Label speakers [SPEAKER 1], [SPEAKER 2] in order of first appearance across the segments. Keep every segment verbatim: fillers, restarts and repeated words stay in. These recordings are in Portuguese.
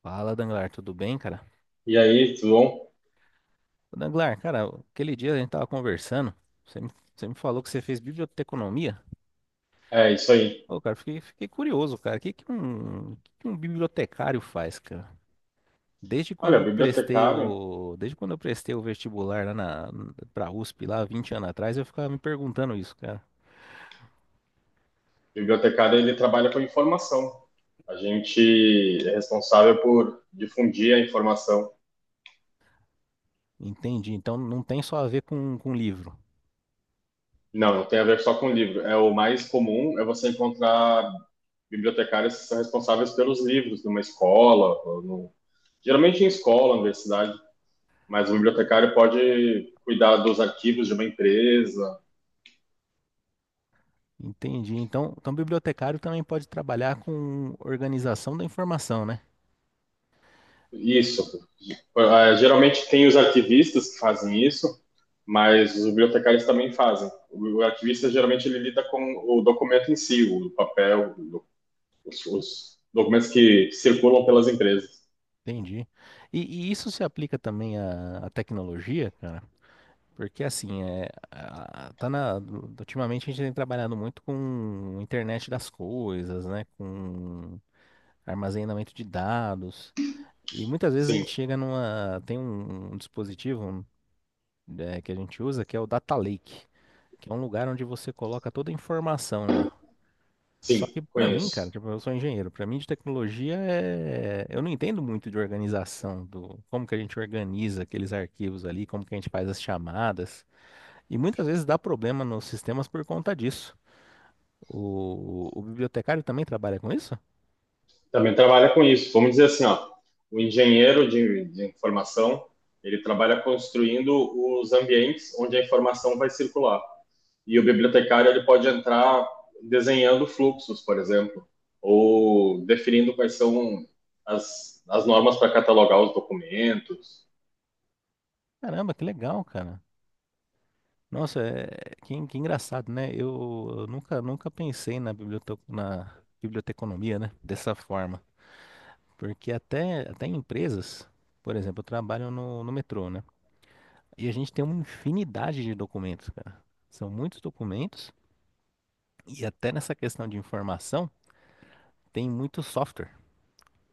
[SPEAKER 1] Fala, Danglar, tudo bem, cara?
[SPEAKER 2] E aí, tudo bom?
[SPEAKER 1] Ô, Danglar, cara, aquele dia a gente tava conversando, você me, você me falou que você fez biblioteconomia.
[SPEAKER 2] É isso aí.
[SPEAKER 1] Ô, cara, fiquei, fiquei curioso, cara, o que que um, o que que um bibliotecário faz, cara? Desde quando
[SPEAKER 2] Olha, o
[SPEAKER 1] eu prestei
[SPEAKER 2] bibliotecário, o
[SPEAKER 1] o, desde quando eu prestei o vestibular lá na, pra USP, lá vinte anos atrás, eu ficava me perguntando isso, cara.
[SPEAKER 2] bibliotecário ele trabalha com informação. A gente é responsável por difundir a informação.
[SPEAKER 1] Entendi, então não tem só a ver com, com livro.
[SPEAKER 2] Não, não tem a ver só com livro. É o mais comum é você encontrar bibliotecários que são responsáveis pelos livros numa escola, ou no- geralmente em escola, universidade, mas o bibliotecário pode cuidar dos arquivos de uma empresa.
[SPEAKER 1] Entendi, então, então bibliotecário também pode trabalhar com organização da informação, né?
[SPEAKER 2] Isso. Ah, geralmente tem os arquivistas que fazem isso, mas os bibliotecários também fazem. O arquivista geralmente ele lida com o documento em si, o papel, os, os documentos que circulam pelas empresas.
[SPEAKER 1] Entendi. E, e isso se aplica também à, à tecnologia, cara? Porque assim, é, a- tá na, ultimamente a gente tem trabalhado muito com internet das coisas, né? Com armazenamento de dados. E muitas vezes a
[SPEAKER 2] Sim,
[SPEAKER 1] gente chega numa. Tem um, um dispositivo, é, que a gente usa que é o Data Lake, que é um lugar onde você coloca toda a informação lá. Só
[SPEAKER 2] sim,
[SPEAKER 1] que pra mim, cara,
[SPEAKER 2] conheço.
[SPEAKER 1] tipo, eu sou engenheiro, pra mim de tecnologia é eu não entendo muito de organização, do como que a gente organiza aqueles arquivos ali, como que a gente faz as chamadas. E muitas vezes dá problema nos sistemas por conta disso. O, o bibliotecário também trabalha com isso?
[SPEAKER 2] Também trabalha com isso. Vamos dizer assim, ó, o engenheiro de, de informação ele trabalha construindo os ambientes onde a informação vai circular. E o bibliotecário ele pode entrar desenhando fluxos, por exemplo, ou definindo quais são as, as normas para catalogar os documentos.
[SPEAKER 1] Caramba, que legal, cara. Nossa, é que, en- que engraçado, né? Eu, eu nunca, nunca pensei na bibliote... na biblioteconomia, né? Dessa forma. Porque até, até em empresas, por exemplo, eu trabalho no no metrô, né? E a gente tem uma infinidade de documentos, cara. São muitos documentos e até nessa questão de informação tem muito software.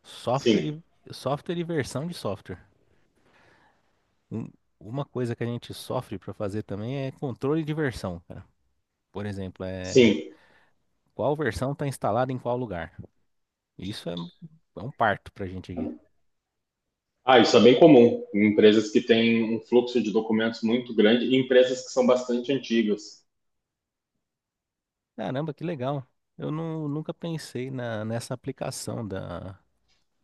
[SPEAKER 1] Software
[SPEAKER 2] Sim,
[SPEAKER 1] e, software e versão de software. Um- uma coisa que a gente sofre para fazer também é controle de versão, cara. Por exemplo, é
[SPEAKER 2] sim.
[SPEAKER 1] qual versão está instalada em qual lugar. Isso é, é um parto pra gente aqui.
[SPEAKER 2] Ah, isso é bem comum em empresas que têm um fluxo de documentos muito grande e empresas que são bastante antigas.
[SPEAKER 1] Caramba, que legal. Eu nu- nunca pensei na, nessa aplicação da,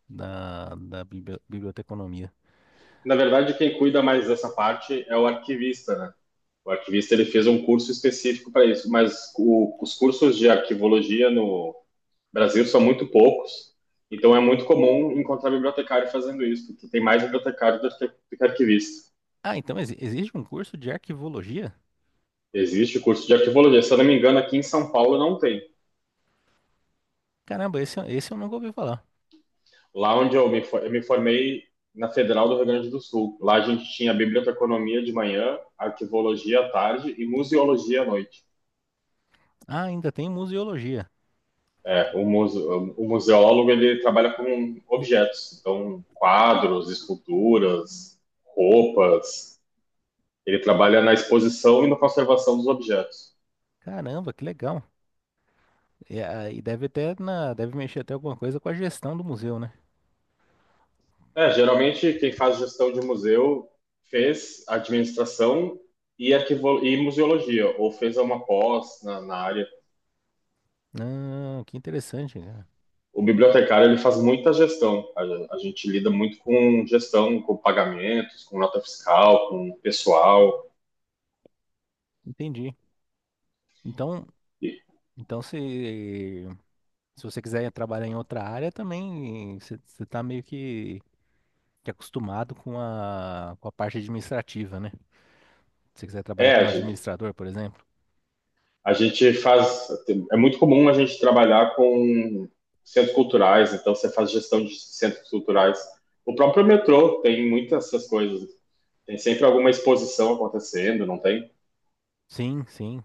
[SPEAKER 1] da, da bibli- biblioteconomia.
[SPEAKER 2] Na verdade, quem cuida mais dessa parte é o arquivista, né? O arquivista ele fez um curso específico para isso, mas o, os cursos de arquivologia no No Brasil são muito poucos, então é muito comum encontrar bibliotecário fazendo isso, porque tem mais bibliotecário do que, do arquivista.
[SPEAKER 1] Ah, então exi- existe um curso de arquivologia?
[SPEAKER 2] Existe o curso de arquivologia, se eu não me engano, aqui em São Paulo não tem.
[SPEAKER 1] Caramba, esse, eu- esse eu nunca ouvi falar.
[SPEAKER 2] Lá onde eu me, eu me formei na Federal do Rio Grande do Sul, lá a gente tinha biblioteconomia de manhã, arquivologia à tarde e museologia à noite.
[SPEAKER 1] Ah, ainda tem museologia.
[SPEAKER 2] É, o, muse, o museólogo ele trabalha com objetos, então quadros, esculturas, roupas. Ele trabalha na exposição e na conservação dos objetos.
[SPEAKER 1] Caramba, que legal. E, ah, e deve até na, deve mexer até alguma coisa com a gestão do museu, né?
[SPEAKER 2] É, geralmente quem faz gestão de museu fez administração e, arquivo... e museologia, ou fez uma pós na, na área.
[SPEAKER 1] Ah, que interessante, cara.
[SPEAKER 2] O bibliotecário ele faz muita gestão. A, a gente lida muito com gestão, com pagamentos, com nota fiscal, com pessoal.
[SPEAKER 1] Entendi. Então,
[SPEAKER 2] E-
[SPEAKER 1] então se, se você quiser trabalhar em outra área também, você está meio que, que acostumado com a, com a parte administrativa, né? Se você quiser trabalhar
[SPEAKER 2] É,
[SPEAKER 1] como administrador, por exemplo.
[SPEAKER 2] A gente faz, é muito comum a gente trabalhar com centros culturais, então você faz gestão de centros culturais. O próprio metrô tem muitas essas coisas. Tem sempre alguma exposição acontecendo, não tem?
[SPEAKER 1] Sim, sim.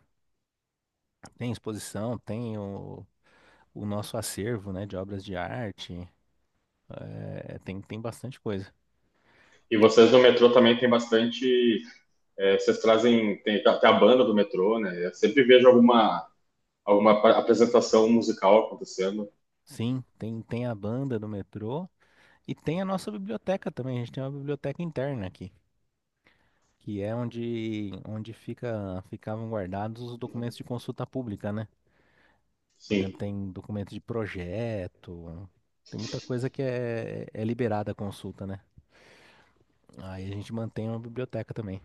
[SPEAKER 1] Tem exposição, tem o o nosso acervo, né, de obras de arte. É, tem, tem bastante coisa.
[SPEAKER 2] E vocês no metrô também tem bastante. É, vocês trazem. Tem até a banda do metrô, né? Eu sempre vejo alguma, alguma apresentação musical acontecendo.
[SPEAKER 1] Sim, tem, tem a banda do metrô e tem a nossa biblioteca também. A gente tem uma biblioteca interna aqui, que é onde, onde fica, ficavam guardados os documentos de consulta pública, né? Por
[SPEAKER 2] Sim.
[SPEAKER 1] exemplo, tem documentos de projeto, tem muita coisa que é, é liberada a consulta, né? Aí a gente mantém uma biblioteca também.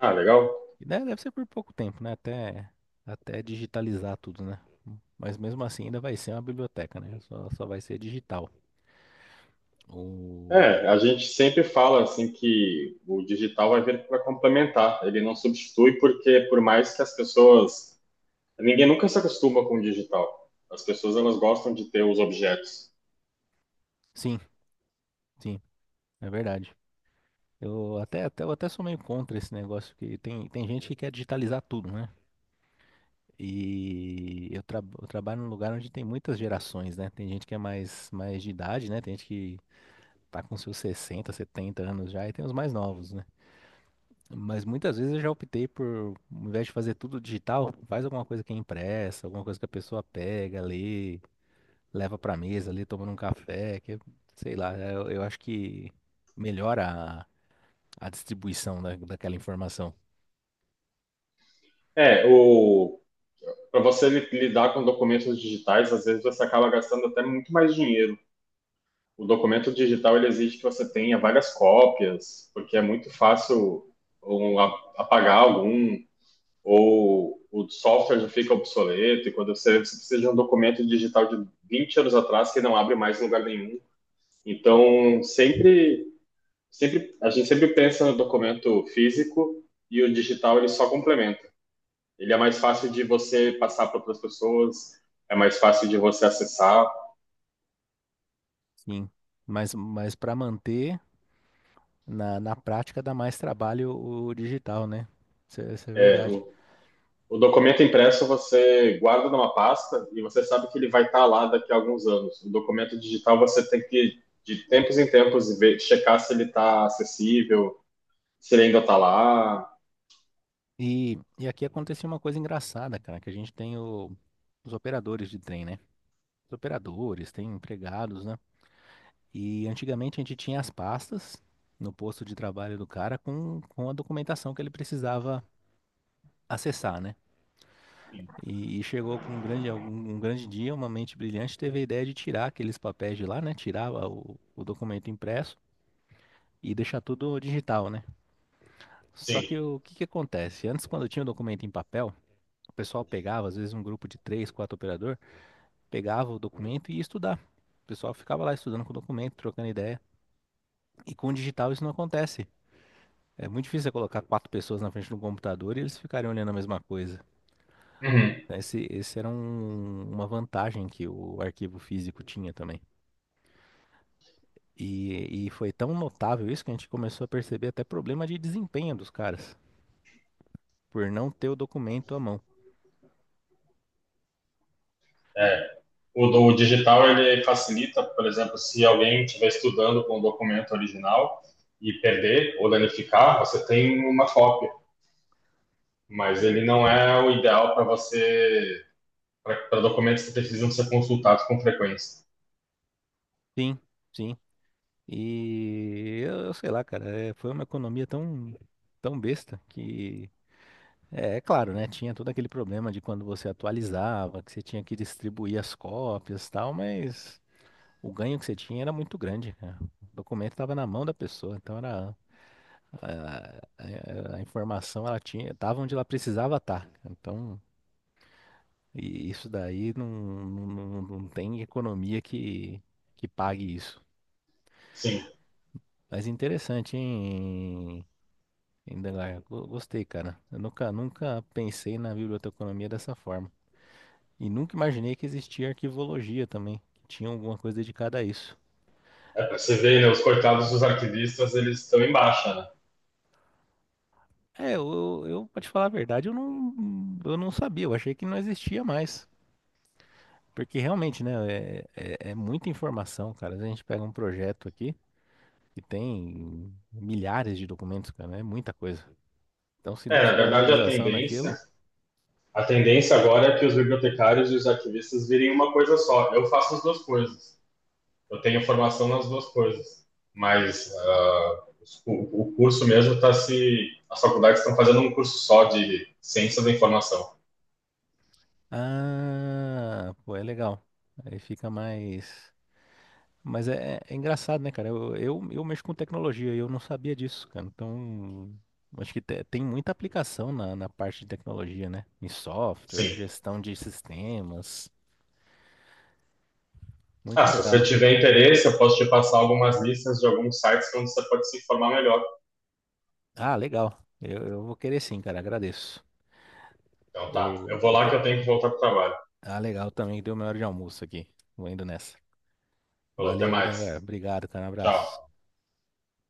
[SPEAKER 2] Ah, legal.
[SPEAKER 1] E de- Deve ser por pouco tempo, né? Até, até digitalizar tudo, né? Mas mesmo assim ainda vai ser uma biblioteca, né? Só, só vai ser digital. O...
[SPEAKER 2] É, a gente sempre fala assim que o digital vai vir para complementar, ele não substitui porque por mais que as pessoas, ninguém nunca se acostuma com o digital. As pessoas elas gostam de ter os objetos.
[SPEAKER 1] Sim, sim, é verdade. Eu até, até, eu até sou meio contra esse negócio que tem, tem gente que quer digitalizar tudo, né? E eu, tra- eu trabalho num lugar onde tem muitas gerações, né? Tem gente que é mais, mais de idade, né? Tem gente que tá com seus sessenta, setenta anos já e tem os mais novos, né? Mas muitas vezes eu já optei por, ao invés de fazer tudo digital, faz alguma coisa que é impressa, alguma coisa que a pessoa pega, lê, leva pra mesa ali, tomando um café, que, é, sei lá, eu, eu acho que melhora a, a distribuição da, daquela informação.
[SPEAKER 2] É, o para você li- lidar com documentos digitais, às vezes você acaba gastando até muito mais dinheiro. O documento digital ele exige que você tenha várias cópias, porque é muito fácil um, a- apagar algum, ou o software já fica obsoleto, e quando você, você precisa de um documento digital de vinte anos atrás que não abre mais em lugar nenhum. Então, sempre, sempre a gente sempre pensa no documento físico e o digital ele só complementa. Ele é mais fácil de você passar para outras pessoas, é mais fácil de você acessar.
[SPEAKER 1] Sim. Mas, mas para manter, na, na prática dá mais trabalho o digital, né? Isso, é isso é
[SPEAKER 2] É,
[SPEAKER 1] verdade.
[SPEAKER 2] o O documento impresso você guarda numa pasta e você sabe que ele vai estar lá daqui a alguns anos. O documento digital você tem que, de tempos em tempos, ver, checar se ele está acessível, se ele ainda está lá.
[SPEAKER 1] E, e aqui aconteceu uma coisa engraçada, cara, que a gente tem o- os operadores de trem, né? Os operadores, tem empregados, né? E antigamente a gente tinha as pastas no posto de trabalho do cara com, com a documentação que ele precisava acessar, né? E, e chegou com um grande, um, um grande dia, uma mente brilhante teve a ideia de tirar aqueles papéis de lá, né? Tirar o, o documento impresso e deixar tudo digital, né? Só
[SPEAKER 2] Sim.
[SPEAKER 1] que o que que acontece? Antes, quando tinha o documento em papel, o pessoal pegava, às vezes um grupo de três, quatro operador, pegava o documento e ia estudar. O pessoal ficava lá estudando com o documento, trocando ideia. E com o digital isso não acontece. É muito difícil você colocar quatro pessoas na frente de um computador e eles ficarem olhando a mesma coisa.
[SPEAKER 2] Uhum.
[SPEAKER 1] Esse, esse era um- uma vantagem que o arquivo físico tinha também. E, e foi tão notável isso que a gente começou a perceber até problema de desempenho dos caras, por não ter o documento à mão.
[SPEAKER 2] O do digital ele facilita, por exemplo, se alguém estiver estudando com o documento original e perder ou danificar, você tem uma cópia. Mas ele não é o ideal para você, para documentos que precisam ser consultados com frequência.
[SPEAKER 1] Sim, sim. E eu, eu sei lá, cara, é, foi uma economia tão, tão besta que. É, é claro, né? Tinha todo aquele problema de quando você atualizava, que você tinha que distribuir as cópias e tal, mas. O ganho que você tinha era muito grande, cara. O documento estava na mão da pessoa, então era a, a- a informação ela tinha, estava onde ela precisava estar. Então, e isso daí não, não, não- não tem economia que, que pague isso.
[SPEAKER 2] Sim.
[SPEAKER 1] Mas interessante, hein, Indelar? Go- Gostei, cara. Eu nunca, nunca pensei na biblioteconomia dessa forma. E nunca imaginei que existia arquivologia também, que tinha alguma coisa dedicada a isso.
[SPEAKER 2] É, pra você ver, né, os coitados dos arquivistas, eles estão em baixa, né?
[SPEAKER 1] É, eu, eu, pra te falar a verdade, eu não, eu não sabia, eu achei que não existia mais. Porque realmente, né, é, é, é muita informação, cara. Às vezes a gente pega um projeto aqui que tem milhares de documentos, cara, né, é muita coisa. Então, se não
[SPEAKER 2] É, na
[SPEAKER 1] tiver
[SPEAKER 2] verdade, a
[SPEAKER 1] organização naquilo,
[SPEAKER 2] tendência, a tendência agora é que os bibliotecários e os arquivistas virem uma coisa só. Eu faço as duas coisas. Eu tenho formação nas duas coisas. Mas ah, o, o curso mesmo está se... As faculdades estão fazendo um curso só de ciência da informação.
[SPEAKER 1] ah, pô, é legal. Aí fica mais. Mas é, é- é engraçado, né, cara? Eu, eu, eu mexo com tecnologia e eu não sabia disso, cara. Então, acho que te- tem muita aplicação na, na parte de tecnologia, né? Em software,
[SPEAKER 2] Sim.
[SPEAKER 1] gestão de sistemas.
[SPEAKER 2] Ah,
[SPEAKER 1] Muito
[SPEAKER 2] se você
[SPEAKER 1] legal.
[SPEAKER 2] tiver interesse, eu posso te passar algumas listas de alguns sites onde você pode se informar melhor.
[SPEAKER 1] Ah, legal. Eu, eu vou querer sim, cara. Agradeço.
[SPEAKER 2] Então
[SPEAKER 1] O,
[SPEAKER 2] tá, eu vou
[SPEAKER 1] o
[SPEAKER 2] lá
[SPEAKER 1] Dan-
[SPEAKER 2] que eu tenho que voltar para o trabalho.
[SPEAKER 1] ah, Legal também. Deu minha hora de almoço aqui. Vou indo nessa.
[SPEAKER 2] Falou, até
[SPEAKER 1] Valeu, Dangar.
[SPEAKER 2] mais.
[SPEAKER 1] Obrigado, cara. Um abraço.
[SPEAKER 2] Tchau.